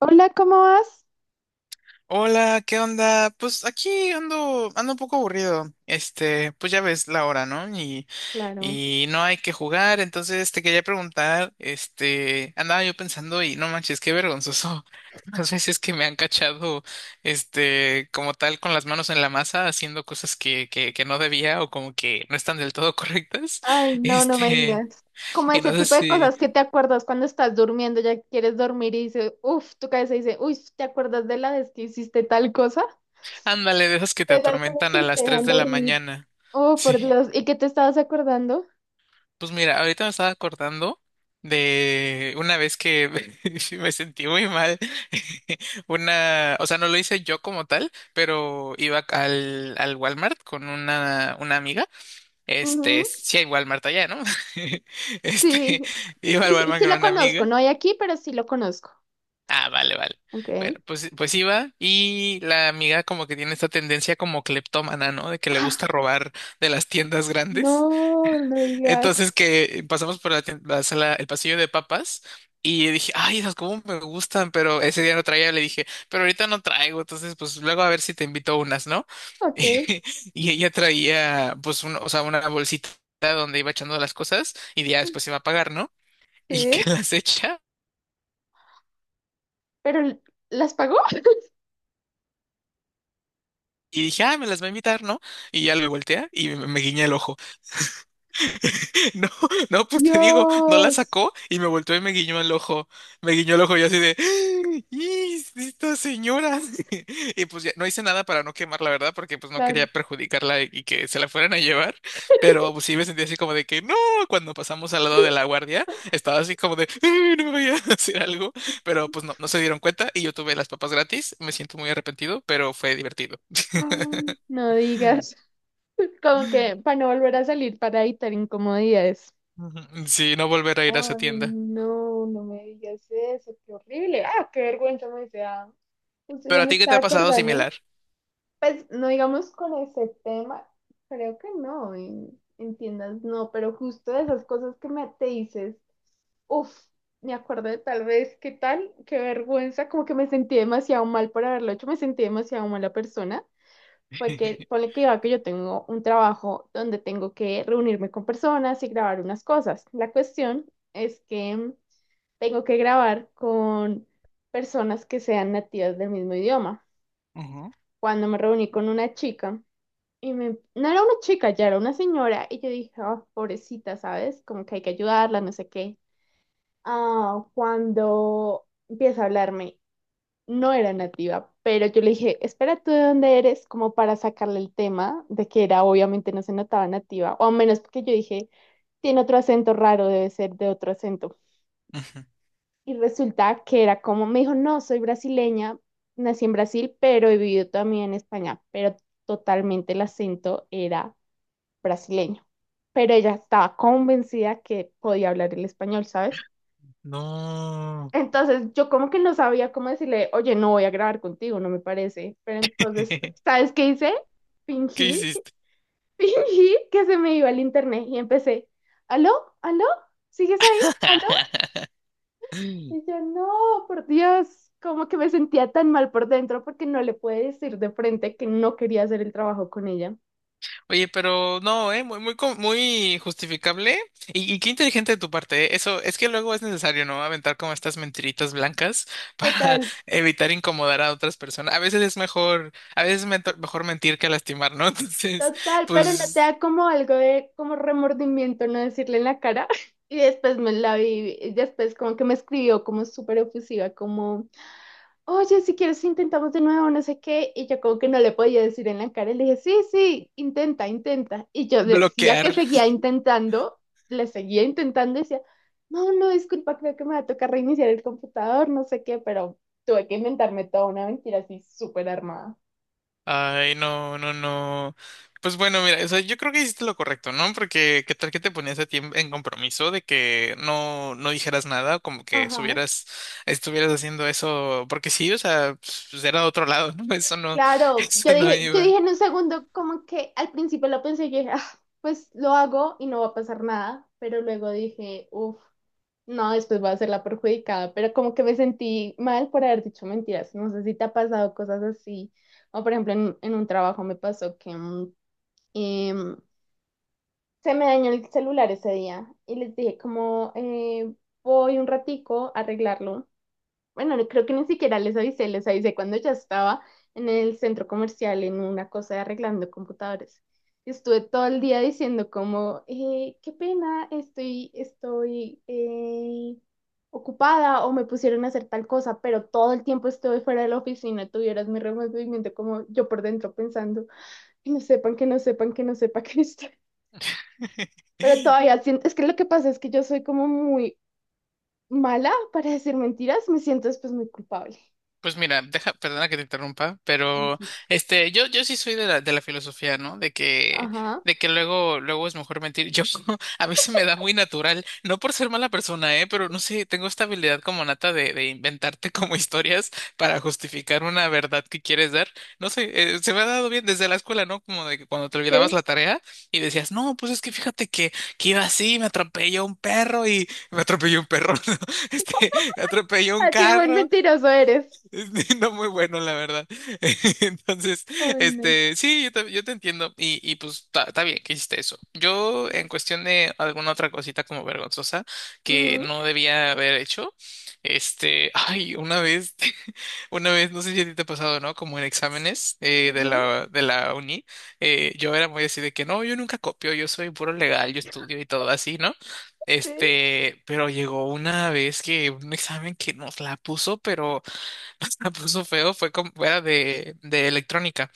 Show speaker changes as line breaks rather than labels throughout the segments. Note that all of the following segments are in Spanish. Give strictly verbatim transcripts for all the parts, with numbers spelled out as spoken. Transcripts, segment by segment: Hola, ¿cómo vas?
Hola, ¿qué onda? Pues aquí ando, ando un poco aburrido. Este, pues ya ves la hora, ¿no? Y,
Claro.
y no hay que jugar, entonces te quería preguntar, este, andaba yo pensando y no manches, qué vergonzoso. Las veces que me han cachado, este, como tal, con las manos en la masa, haciendo cosas que, que, que no debía o como que no están del todo correctas.
Ay, no, no me
Este,
digas. Como
y
ese
no sé
tipo de
si,
cosas que te acuerdas cuando estás durmiendo, ya quieres dormir y dices, uff, tu cabeza dice, uy, ¿te acuerdas de la vez que hiciste tal cosa?
ándale, de esas que te
De esas cosas
atormentan
que
a
no te
las tres
dejan
de la
dormir.
mañana.
Oh, por
Sí.
Dios, ¿y qué te estabas acordando?
Pues mira, ahorita me estaba acordando de una vez que me sentí muy mal. Una, o sea, no lo hice yo como tal, pero iba al, al Walmart con una, una amiga. Este,
Ujú.
sí hay Walmart allá, ¿no? Este,
Sí,
iba al
sí, sí,
Walmart
sí
con
lo
una
conozco,
amiga.
no hay aquí, pero sí lo conozco.
Ah, vale, vale.
Ok.
Bueno, pues, pues iba y la amiga como que tiene esta tendencia como cleptómana, ¿no? De que le gusta robar de las tiendas grandes.
No, no digas.
Entonces que pasamos por la, tien- la sala, el pasillo de papas y dije, ay, esas cómo me gustan, pero ese día no traía, le dije, pero ahorita no traigo, entonces pues luego a ver si te invito unas, ¿no?
Ok.
Y ella traía pues un- o sea, una bolsita donde iba echando las cosas y ya después iba a pagar, ¿no? Y
Sí,
que las echa.
pero ¿las pagó?
Y dije, ah, me las va a invitar, ¿no? Y ya le voltea y me, me guiña el ojo. No, no, pues te digo, no la
Dios.
sacó y me volteó y me guiñó el ojo. Me guiñó el ojo y yo así de, ¡y esta señora! Y pues ya no hice nada para no quemar, la verdad, porque pues no quería perjudicarla y que se la fueran a llevar. Pero pues sí me sentí así como de que, ¡no! Cuando pasamos al lado de la guardia, estaba así como de, "¡Ay, no me vaya a hacer algo!" Pero pues no, no se dieron cuenta y yo tuve las papas gratis. Me siento muy arrepentido, pero fue divertido.
Ay, no digas, como que para no volver a salir para evitar incomodidades.
Ujú. Sí, no volver a ir a esa
Ay,
tienda.
no, no me digas eso, qué horrible. Ah, qué vergüenza me dice. Ah, justo
Pero
yo
a
me
ti, ¿qué te
estaba
ha pasado
acordando.
similar?
Pues no digamos con ese tema, creo que no, en, en tiendas no, pero justo de esas cosas que me te dices, uff, me acuerdo de tal vez, qué tal, qué vergüenza, como que me sentí demasiado mal por haberlo hecho, me sentí demasiado mala persona, porque ponle que va que yo tengo un trabajo donde tengo que reunirme con personas y grabar unas cosas. La cuestión es que tengo que grabar con personas que sean nativas del mismo idioma.
Ujú.
Cuando me reuní con una chica, y me, no era una chica, ya era una señora, y yo dije: "Ah, pobrecita, ¿sabes? Como que hay que ayudarla, no sé qué". Ah, cuando empieza a hablarme, no era nativa, pero yo le dije, espera, ¿tú de dónde eres? Como para sacarle el tema de que era, obviamente no se notaba nativa, o al menos porque yo dije, tiene otro acento raro, debe ser de otro acento.
Ujú.
Y resulta que era como, me dijo, no, soy brasileña, nací en Brasil, pero he vivido también en España, pero totalmente el acento era brasileño. Pero ella estaba convencida que podía hablar el español, ¿sabes?
No.
Entonces yo como que no sabía cómo decirle, oye, no voy a grabar contigo, no me parece. Pero entonces, ¿sabes qué hice?
¿Qué
Fingí,
hiciste?
fingí que se me iba el internet y empecé, ¿aló? ¿Aló? ¿Sigues ahí? ¿Aló? Y yo, no, por Dios, como que me sentía tan mal por dentro porque no le pude decir de frente que no quería hacer el trabajo con ella.
Oye, pero no, ¿eh? Muy, muy, co- muy justificable. Y, y qué inteligente de tu parte, ¿eh? Eso es que luego es necesario, ¿no? Aventar como estas mentiritas blancas para
Total.
evitar incomodar a otras personas. A veces es mejor, a veces es mento- mejor mentir que lastimar, ¿no? Entonces,
Total, pero no te
pues
da como algo de como remordimiento no decirle en la cara. Y después me la vi, y después como que me escribió como súper efusiva, como, oye, si quieres intentamos de nuevo, no sé qué. Y yo como que no le podía decir en la cara. Y le dije, sí, sí, intenta, intenta. Y yo decía que
bloquear.
seguía intentando, le seguía intentando, y decía, no, no, disculpa, creo que me va a tocar reiniciar el computador, no sé qué, pero tuve que inventarme toda una mentira así súper armada.
Ay, no, no, no. Pues bueno, mira, o sea, yo creo que hiciste lo correcto, ¿no? Porque qué tal que te ponías a ti en en compromiso de que no, no dijeras nada, como que
Ajá.
subieras, estuvieras haciendo eso, porque sí, o sea, pues, pues, era otro lado, ¿no? Eso no,
Claro, yo
eso no
dije, yo
iba.
dije en un segundo, como que al principio lo pensé, yo dije: "Ah, pues lo hago y no va a pasar nada", pero luego dije, uff, no, después va a ser la perjudicada, pero como que me sentí mal por haber dicho mentiras, no sé si te ha pasado cosas así, o por ejemplo en, en un trabajo me pasó que mm, em, se me dañó el celular ese día y les dije como, eh, voy un ratico a arreglarlo. Bueno, no- creo que ni siquiera les avisé, les avisé cuando ya estaba en el centro comercial en una cosa de arreglando computadores. Y estuve todo el día diciendo como, eh, qué pena, estoy, estoy eh, ocupada o me pusieron a hacer tal cosa, pero todo el tiempo estuve fuera de la oficina, tuvieras mi removimiento como yo por dentro pensando, que no sepan, que no sepan, que no sepa que estoy. Pero todavía siento, es que lo que pasa es que yo soy como muy mala para decir mentiras, me siento después muy culpable.
Pues mira, deja, perdona que te interrumpa, pero
Tranquila.
este, yo, yo sí soy de la, de la filosofía, ¿no? De que,
Ajá,
de que luego, luego es mejor mentir. Yo, a mí se me da muy natural, no por ser mala persona, ¿eh? Pero no sé, tengo esta habilidad como nata de, de inventarte como historias para justificar una verdad que quieres dar. No sé, eh, se me ha dado bien desde la escuela, ¿no? Como de que cuando te olvidabas
ok.
la tarea y decías, no, pues es que fíjate que, que iba así, me atropelló un perro y me atropelló un perro, ¿no? Este, me atropelló un
Así de buen
carro.
mentiroso eres.
No muy bueno, la verdad. Entonces,
Ay, no.
este, sí, yo te, yo te entiendo. Y, y pues está está bien que hiciste eso. Yo, en cuestión de alguna otra cosita como vergonzosa que
Ujú,
no debía haber hecho, este, ay, una vez, una vez, no sé si a ti te ha pasado, ¿no? Como en exámenes eh, de
ujú,
la, de la uni, eh, yo era muy así de que no, yo nunca copio, yo soy puro legal, yo estudio y todo así, ¿no?
sí.
Este, pero llegó una vez que un examen que nos la puso, pero la puso feo fue como era de, de electrónica.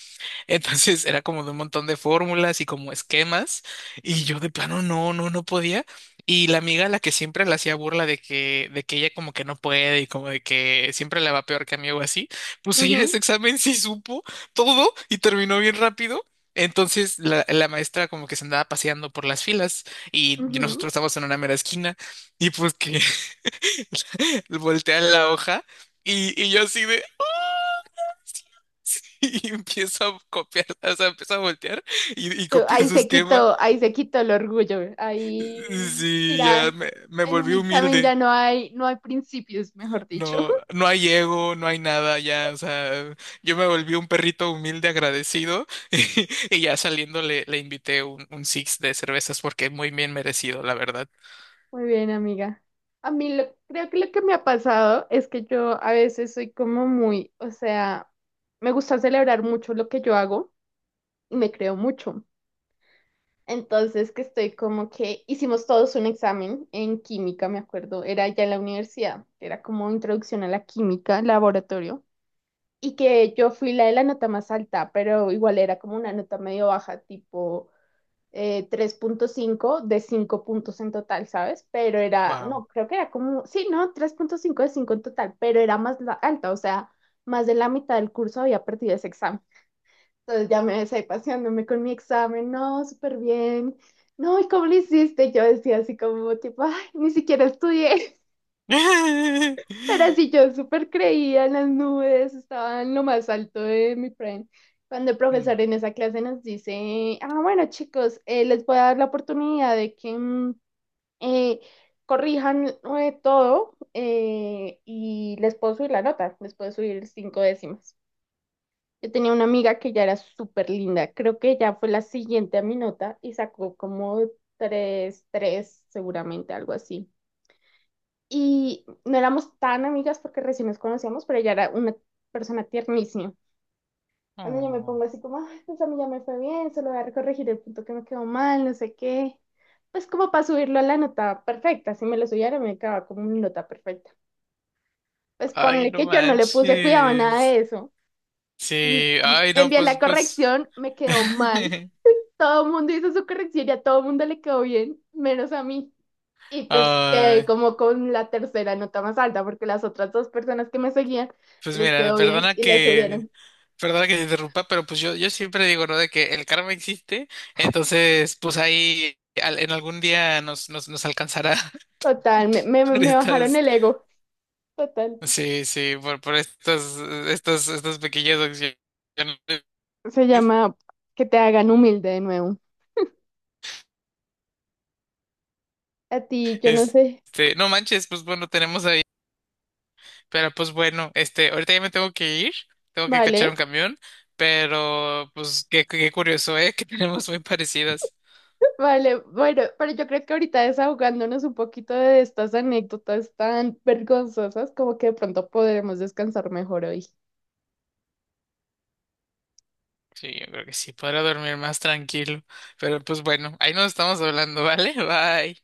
Entonces era como de un montón de fórmulas y como esquemas. Y yo de plano no, no, no podía. Y la amiga a la que siempre le hacía burla de que, de que ella como que no puede y como de que siempre le va peor que a mí o así, pues ella ese examen sí supo todo y terminó bien rápido. Entonces la, la maestra como que se andaba paseando por las filas y
Ujú, ujú.
nosotros estábamos en una mera esquina y pues que voltean la hoja y, y yo así de... "Ah, sí, sí", y empiezo a copiar, o sea, empiezo a voltear y, y
Tú,
copiar
ahí
su
se
esquema.
quitó, ahí se quitó el orgullo. Ahí,
Sí, ya
mira,
me, me
en un
volví
examen ya
humilde.
no hay, no hay principios, mejor dicho.
No, no hay ego, no hay nada, ya, o sea, yo me volví un perrito humilde agradecido y, ya saliendo le, le invité un, un six de cervezas porque muy bien merecido, la verdad.
Muy bien, amiga. A mí lo- creo que lo que me ha pasado es que yo a veces soy como muy, o sea, me gusta celebrar mucho lo que yo hago y me creo mucho. Entonces que estoy como que hicimos todos un examen en química, me acuerdo, era ya en la universidad, era como introducción a la química, laboratorio, y que yo fui la de la nota más alta, pero igual era como una nota medio baja, tipo eh, tres punto cinco de cinco puntos en total, ¿sabes? Pero era,
Wow.
no, creo que era como, sí, no, tres punto cinco de cinco en total, pero era más la- alta, o sea, más de la mitad del curso había perdido ese examen. Entonces ya me ves ahí paseándome con mi examen, no, súper bien. No, ¿y cómo lo hiciste? Yo decía así como tipo, ay, ni siquiera estudié, pero sí yo súper creía en las nubes, estaba en lo más alto de mi friend. Cuando el
Mm.
profesor en esa clase nos dice, ah, bueno chicos, eh, les voy a dar la oportunidad de que mm, eh, corrijan eh, todo, eh, y les puedo subir la nota, les puedo subir cinco décimas. Yo tenía una amiga que ya era súper linda. Creo que ella fue la siguiente a mi nota y sacó como tres, tres, seguramente, algo así. Y no éramos tan amigas porque recién nos conocíamos, pero ella era una persona tiernísima. Cuando yo me
Oh,
pongo así como: "Ay, pues a mí ya me fue bien, solo voy a corregir el punto que me quedó mal, no sé qué". Pues como para subirlo a la nota perfecta. Si me lo subiera, me quedaba como mi nota perfecta. Pues
ay,
ponle
no
que yo no le puse cuidado a nada de
manches.
eso.
Sí,
L-
ay, no,
Envié
pues,
la
pues.
corrección, me quedó mal. Todo el mundo hizo su corrección y a todo el mundo le quedó bien, menos a mí. Y pues quedé
Ay,
como con la tercera nota más alta, porque las otras dos personas que me seguían
pues
les
mira,
quedó bien
perdona
y les
que,
subieron.
perdona que te interrumpa, pero pues yo, yo siempre digo, ¿no? De que el karma existe, entonces, pues ahí al- en algún día nos, nos, nos alcanzará.
Total, me, me,
Por
me bajaron
estas,
el ego. Total.
sí, sí, por, por estas, estas, estas pequeñas acciones.
Se llama que te hagan humilde de nuevo. A ti, yo no sé.
Este, no manches, pues bueno, tenemos ahí. Pero pues bueno, este, ahorita ya me tengo que ir, tengo que cachar
Vale,
un camión, pero pues qué, qué curioso, ¿eh? Que tenemos muy parecidas.
vale. Bueno, pero yo creo que ahorita desahogándonos un poquito de estas anécdotas tan vergonzosas, como que de pronto podremos descansar mejor hoy.
Sí, yo creo que sí, podrá dormir más tranquilo. Pero pues bueno, ahí nos estamos hablando, ¿vale? Bye.